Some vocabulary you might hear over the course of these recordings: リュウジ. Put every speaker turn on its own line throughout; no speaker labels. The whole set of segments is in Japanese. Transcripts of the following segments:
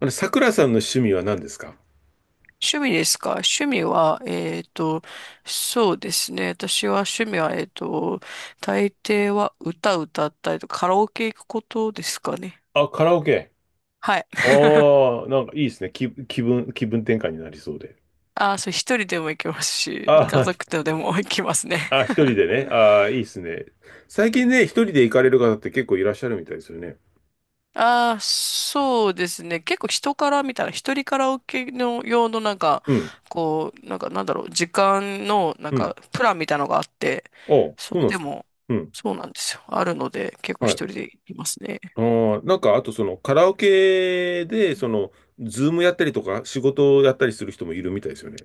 あれ、桜さんの趣味は何ですか？
趣味ですか？趣味は、そうですね。私は趣味は、大抵は歌歌ったりとかカラオケ行くことですかね。
あ、カラオケ。
はい。
あ あ、なんかいいですね。気分転換になりそうで。
ああ、そう、一人でも行きますし、家
あ
族とでも行きますね。
あ、あ、一人で ね。ああ、いいですね。最近ね、一人で行かれる方って結構いらっしゃるみたいですよね。
ああ、そうですね。結構人から見たら、一人カラオケの用のなんか、
うん、
こう、なんかなんだろう、時間のなん
う
か、
ん。
プランみたいなのがあって、
ああ、そ
そ
う
れ
なんで
で
すか？
も、
うん、
そうなんですよ。あるので、結構一
はい。
人でいますね。
ああ、なんか、あとそのカラオケで、その、ズームやったりとか、仕事をやったりする人もいるみたいですよね。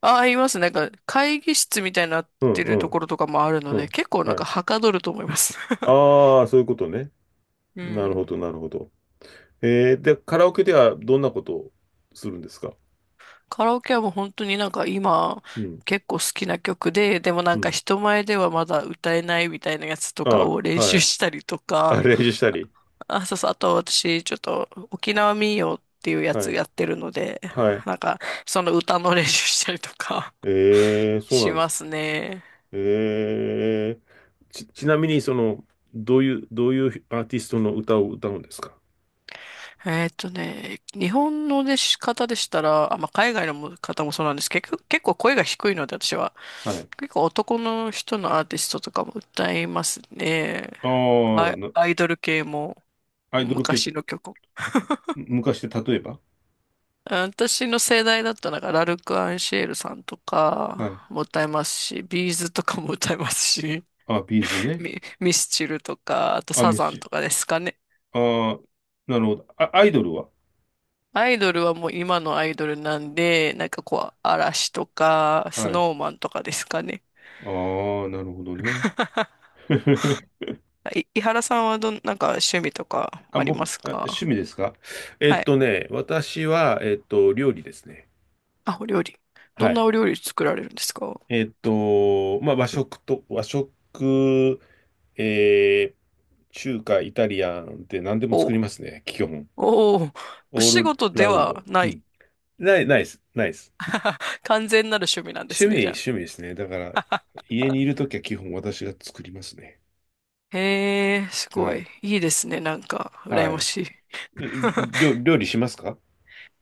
ああ、いますね。なんか、会議室みたいになっ
うん、
て
う
ると
ん、
ころとかもあるの
う
で、
ん。
結構なん
は
か、
い。
はかどると思います。
ああ、そういうことね。
う
なるほ
ん。
ど、なるほど。で、カラオケではどんなことをするんですか？
カラオケはもう本当になんか今
うん、
結構好きな曲で、でもな
う
んか
ん。
人前ではまだ歌えないみたいなやつとかを
あ、
練
は
習
い。
したりと
あ、
か、
練習したり。
あ、そうそう、あと私ちょっと沖縄民謡っていうや
は
つ
い。
やってるので、
はい。
なんかその歌の練習したりとか
えー、そう
し
なんで
ま
す。
すね。
えー、ちなみに、どういうアーティストの歌を歌うんですか？
日本の出し方でしたら、あ、まあ、海外のも方もそうなんですけど、結構声が低いので私は、
はい。
結構男の人のアーティストとかも歌いますね。
ああ、
アイドル系も
アイドル系、
昔の曲。
昔で例えば？
私の世代だったら、なんかラルク・アンシエルさんと
はい。
かも歌いますし、ビーズとかも歌いますし、
あ、ビーズ ね。
ミスチルとか、あと
あ、
サ
メッ
ザン
シュ。
とかですかね。
ああ、なるほど。あ、アイドルは？
アイドルはもう今のアイドルなんで、なんかこう、嵐とか、ス
はい。
ノーマンとかですかね。
ああ、なるほどね。
井原さんはなんか趣味とかあります
あ、
か？
趣味ですか？
はい。
私は、料理ですね。
あ、お料理。ど
は
んな
い。
お料理作られるんですか？お
まあ、和食、えー、中華、イタリアンって何でも作
お
りますね。基本。
おおお
オー
仕
ル
事で
ラウンド。
は
う
な
ん。
い？
ないです。ないです。
あ完全なる趣味なんですね、じゃ
趣味ですね。だから、家にいるときは基本私が作りますね。
あ。へえ、す
は
ごい。
い。
いいですね、なんか、羨
は
ま
い。
しい。
え料理しますか？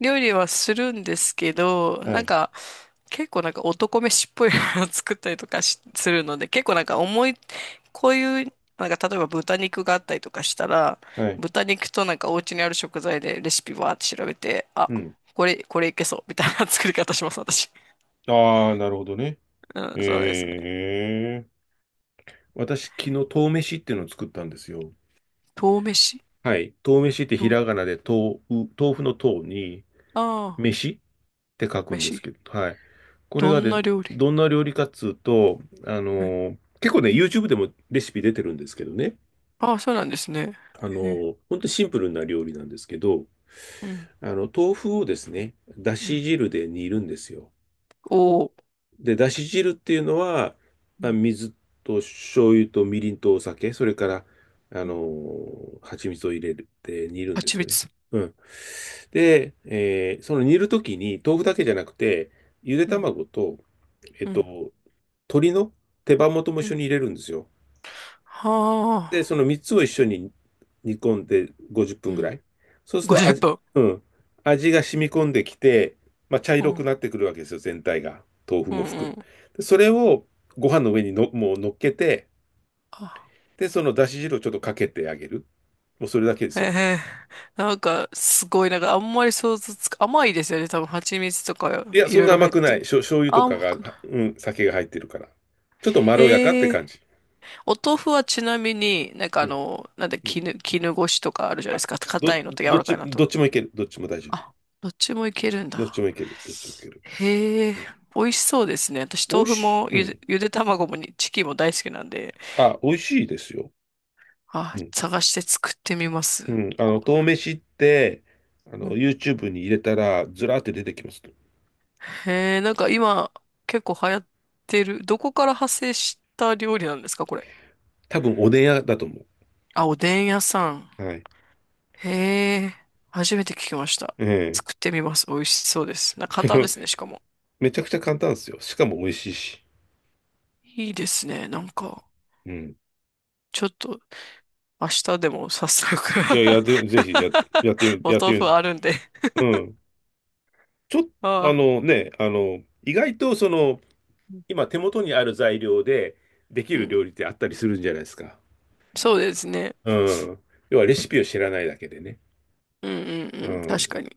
料理はするんですけど、
は
なん
い。
か、結構なんか男飯っぽいものを作ったりとかするので、結構なんか重い、こういう、なんか例えば豚肉があったりとかしたら、
はい。
豚肉となんかお家にある食材でレシピわーって調べて、あ、
うん。
これいけそう、みたいな作り方します、私。
ああ、なるほどね。
うん、そうですね。
ええ私、昨日、豆飯っていうのを作ったんですよ。
豆飯
はい。豆飯ってひ
と、
らがなで豆腐の豆に、
ああ、
飯って書くんです
飯。
けど、はい。これ
ど
が
ん
で、
な料理？
どんな料理かっつうと、結構ね、YouTube でもレシピ出てるんですけどね、
ああ、そうなんですね。へえ、
ほんとシンプルな料理なんですけど、
うん、
豆腐をですね、だ
う
し
ん。
汁で煮るんですよ。
おお、
で、だし汁っていうのは、
う
まあ、
ん、
水と醤油とみりんとお酒、それから、
うん。
蜂蜜を入れて煮るんで
蜂
す
蜜。
よね。うん。で、その煮るときに、豆腐だけじゃなくて、ゆで
うん、
卵と、えっ
う
と、
ん、
鶏の手羽元も一
う
緒
ん。
に入れるんですよ。
は
で、その
あ、
3つを一緒に煮込んで50
う
分ぐら
ん。
い。そうすると
50分。
うん、味が染み込んできて、まあ、茶
う
色
ん、
くなってくるわけですよ、全体が。豆腐
うん、
も
う
含む。
ん。
でそれをご飯の上にもう乗っけて、
あ、
で、そのだし汁をちょっとかけてあげる。もうそれだけで
へ
すよ。
え、なんか、すごい、なんか、あんまり想像つか、甘いですよね。多分、蜂蜜とか、
いや、
い
そん
ろい
な
ろ入
甘
っ
く
て
ない。
る。
醤油とか
甘
が、
く
は
な
うん、酒が入ってるから。ちょっとま
い。
ろやかって
へえ。
感じ。
お豆腐はちなみに、なんか
う
あ
ん、
の、なんで、
うん。
絹ごしとかあるじゃないですか。
ど、
硬いのと柔らかいの
ど
と。
っちもいける。どっちも大丈夫。
あ、どっちもいけるん
どっち
だ。
もいける。どっちもいける。
へえ、
うん、
美味しそうですね。私、
おい
豆腐
しい。
も
うん。
ゆで卵もにチキンも大好きなんで、
あ、美味しいですよ。
あ、
うん。
探して作ってみます。
うん。
こ
豆飯って、
ううん
YouTube に入れたら、ずらーって出てきます。
へえ、なんか今、結構流行ってる。どこから派生した料理なんですか、これ。
多分、おでん屋だと思
あ、おでん屋さん。
う。はい。
へえ、初めて聞きました。
ええ。
作ってみます。美味しそうです。簡単で すね、しかも。
めちゃくちゃ簡単ですよ。しかも美味しいし。
いいですね。なんか、
うん。
ちょっと明日でも早速
いや、やってぜひやって、
お
やって
豆
み
腐
る。
あるんで。
うん。ちょっ
あ
と、
あ、
意外と、今手元にある材料ででき
う
る
ん。
料理ってあったりするんじゃないですか？
そうですね。
うん。要はレシピを知らないだけでね。
うんうん
う
うん。確
ん。
かに。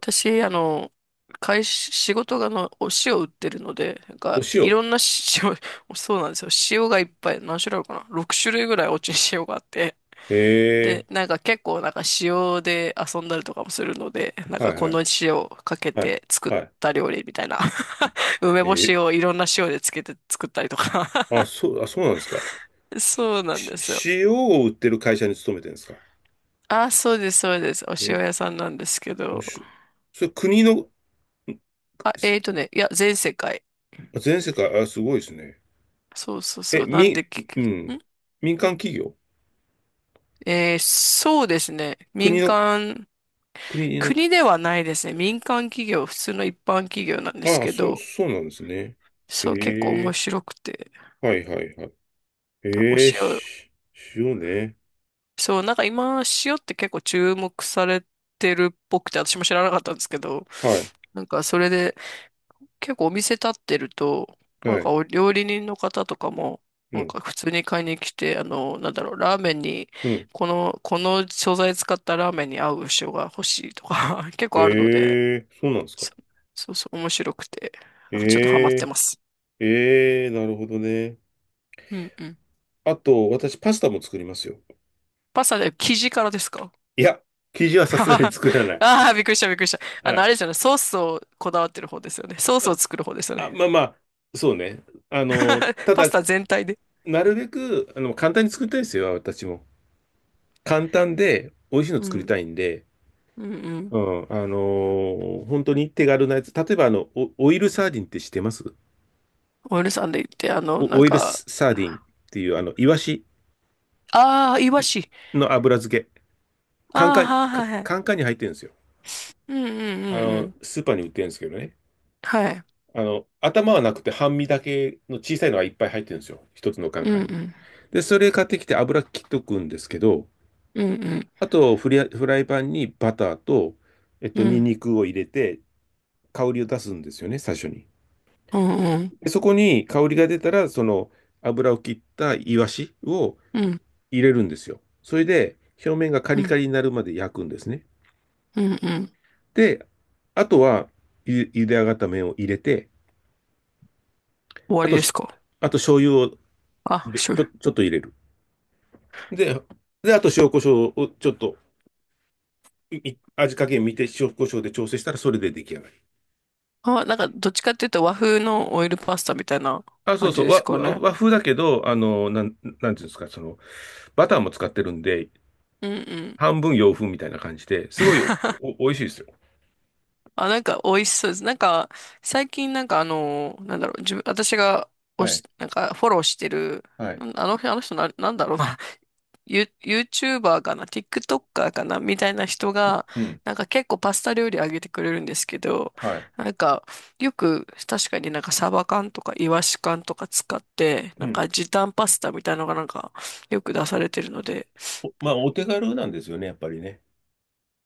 私、あの、会社、仕事の、お塩売ってるので、なん
お
か、い
塩。
ろんな塩、そうなんですよ。塩がいっぱい、何種類あるかな？ 6 種類ぐらいお家に塩があって。
へ
で、
え。
なんか結構なんか塩で遊んだりとかもするので、なん
は
か
い
こ
はい。
の塩をかけ
はい。
て作っ
は
た料理みたいな。梅
い。
干し
ー、
をいろんな塩でつけて作ったりとか
あ、そうなんですか？
そうなん
し、
ですよ。
し塩を売ってる会社に勤めてるんですか？
あ、そうです、そうです。お塩
え、
屋さんなんですけ
お
ど。
し、それ国の、
あ、
す
いや、全世界。
全世界、あ、すごいですね。
そうそう
え、
そう。なん
み、
で結
う
局、
ん。
ん
民間企業
そうですね。
国
民
の、
間、
国の、
国ではないですね。民間企業、普通の一般企業なんです
あ、
け
そう、
ど、
そうなんですね。え
そう、結構面
え
白くて。
はいはいはい。
お
ええ
塩、
し、塩ね。
そう、なんか今、塩って結構注目されてるっぽくて、私も知らなかったんですけど、
はい、
なんかそれで、結構お店立ってると、
は
なんか
い。
お料理人の方とかも、
う
なん
ん、
か普通に買いに来て、あの、なんだろう、ラーメンに、
うん。
この素材使ったラーメンに合う塩が欲しいとか 結構あるので、
えそうなんですか？
そ、そうそう、面白くて、
え
なんかちょっとハマって
え
ます。
なるほどね。
うんうん。
あと、私、パスタも作りますよ。
パスタで生地からですか？
いや、生地は さすがに
あ
作らない。
あー、びっくりした、びっくりした。あ
は
の、あ
い。
れですよね、ソースをこだわってる方ですよね。ソースを
あ、
作る方ですよね。
あまあまあ、そうね。た
パス
だ、
タ全体で。
なるべく、簡単に作りたいですよ、私も。簡単で、美味しいの
う
作り
ん、
たいんで、
うん、う
う
ん。
ん、本当に手軽なやつ。例えば、オオイルサーディンって知ってます
お嫁さんで行って、あの、
オ
なん
オイル
か、
サーディンっていう、イワシ
ああ、イワシ。
の油漬け。
ああ、はい
カ
はいはい。
カンカンに入ってるんですよ。
うんうんうんうん。
スーパーに売ってるんですけどね。
はい。
頭はなくて半身だけの小さいのがいっぱい入ってるんですよ。一つのカン
う
カ
ん
ン
う
に。
ん。
で、それ買ってきて油切っとくんですけど、
うんうん。
あとフリア、フライパンにバターと、
うんう
ニン
ん。
ニクを入れて、香りを出すんですよね、最初に。
うん
で、そこに香りが出たら、その油を切ったイワシを
う
入れるんですよ。それで、表面がカリ
ん
カリになるまで焼くんですね。
うんうん。
で、あとは、ゆ茹で上がった麺を入れて、
終わ
あ
り
と
です
し、
か？
あと醤油を入
あ、
れ
そ
ちょ、
う。
ちょっと入れる。で、あと塩コショウをちょっと、い味加減見て塩コショウで調整したらそれで出来上がり。
あ、なんか、どっちかっていうと和風のオイルパスタみたいな
あ、そう
感
そ
じ
う、
ですか
和
ね。
和風だけど、なんていうんですか、バターも使ってるんで、
うんうん。
半分洋風みたいな感じで、すごい美味しいですよ。
あ、なんか美味しそうです。なんか、最近なんかあの、なんだろう、私が
はい、
なんかフォローしてる、
はい、
あの、あの人な、なんだろうな、YouTuber かな、TikToker かな、みたいな人が、
うん、
なんか結構パスタ料理あげてくれるんですけど、
はい、
なんか、よく確かになんかサバ缶とかイワシ缶とか使って、
う
なんか
ん。
時短パスタみたいなのがなんか、よく出されてるので、
おまあ、お手軽なんですよね、やっぱりね。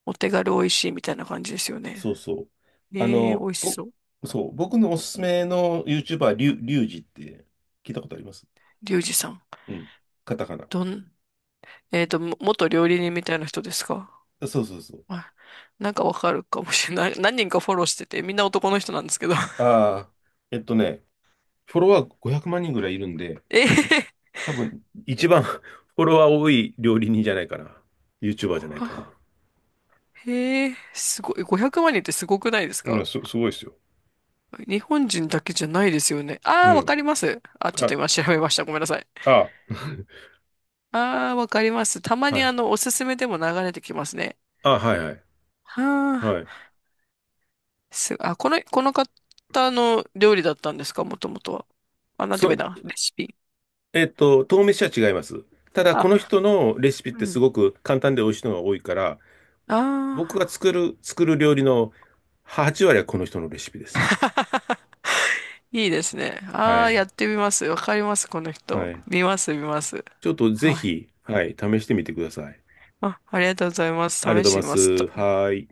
お手軽美味しいみたいな感じですよね。
そうそう。あ
えー、美
の、
味し
ぼ、
そう。
そう、僕のおすすめの YouTuber、リュウジって聞いたことあります
リュウジさん。
うん。カタカナ。
どん、えっと、も元料理人みたいな人ですか？
そうそうそう。
はい。なんかわかるかもしれない。何人かフォローしてて、みんな男の人なんですけど。
ああ、えっとね、フォロワー500万人ぐらいいるんで、
ええ
多分一番 フォロワー多い料理人じゃないかな。YouTuber じゃないかな。
は へえ、すごい。500万人ってすごくないです
いや、
か？
すごいですよ。
日本人だけじゃないですよね。
う
ああ、わ
ん。
かります。あ、ちょっと
あ、
今調べました。ごめんなさい。
あ、
ああ、わかります。たま
は
にあ
い。
の、おすすめでも流れてきますね。
あ、はいはい。
は
は
あ、
い。
あ、この方の料理だったんですか？もともとは。あ、なんて言え
そ、
ばいいな。レシピ。
豆飯は違います。ただ、こ
あ、
の人のレシピっ
う
てす
ん。
ごく簡単で美味しいのが多いから、
あ
僕が作る料理の8割はこの人のレシピです。
あ。いいですね。
は
ああ、や
い。
ってみます。わかります、この
は
人。
い。
見ます、見ます。
ちょっとぜ
はい。
ひ、はい、試してみてください。
あ、ありがとうございます。
ありが
試
とう
し
ご
てみま
ざ
す
い
と。
ます。はい。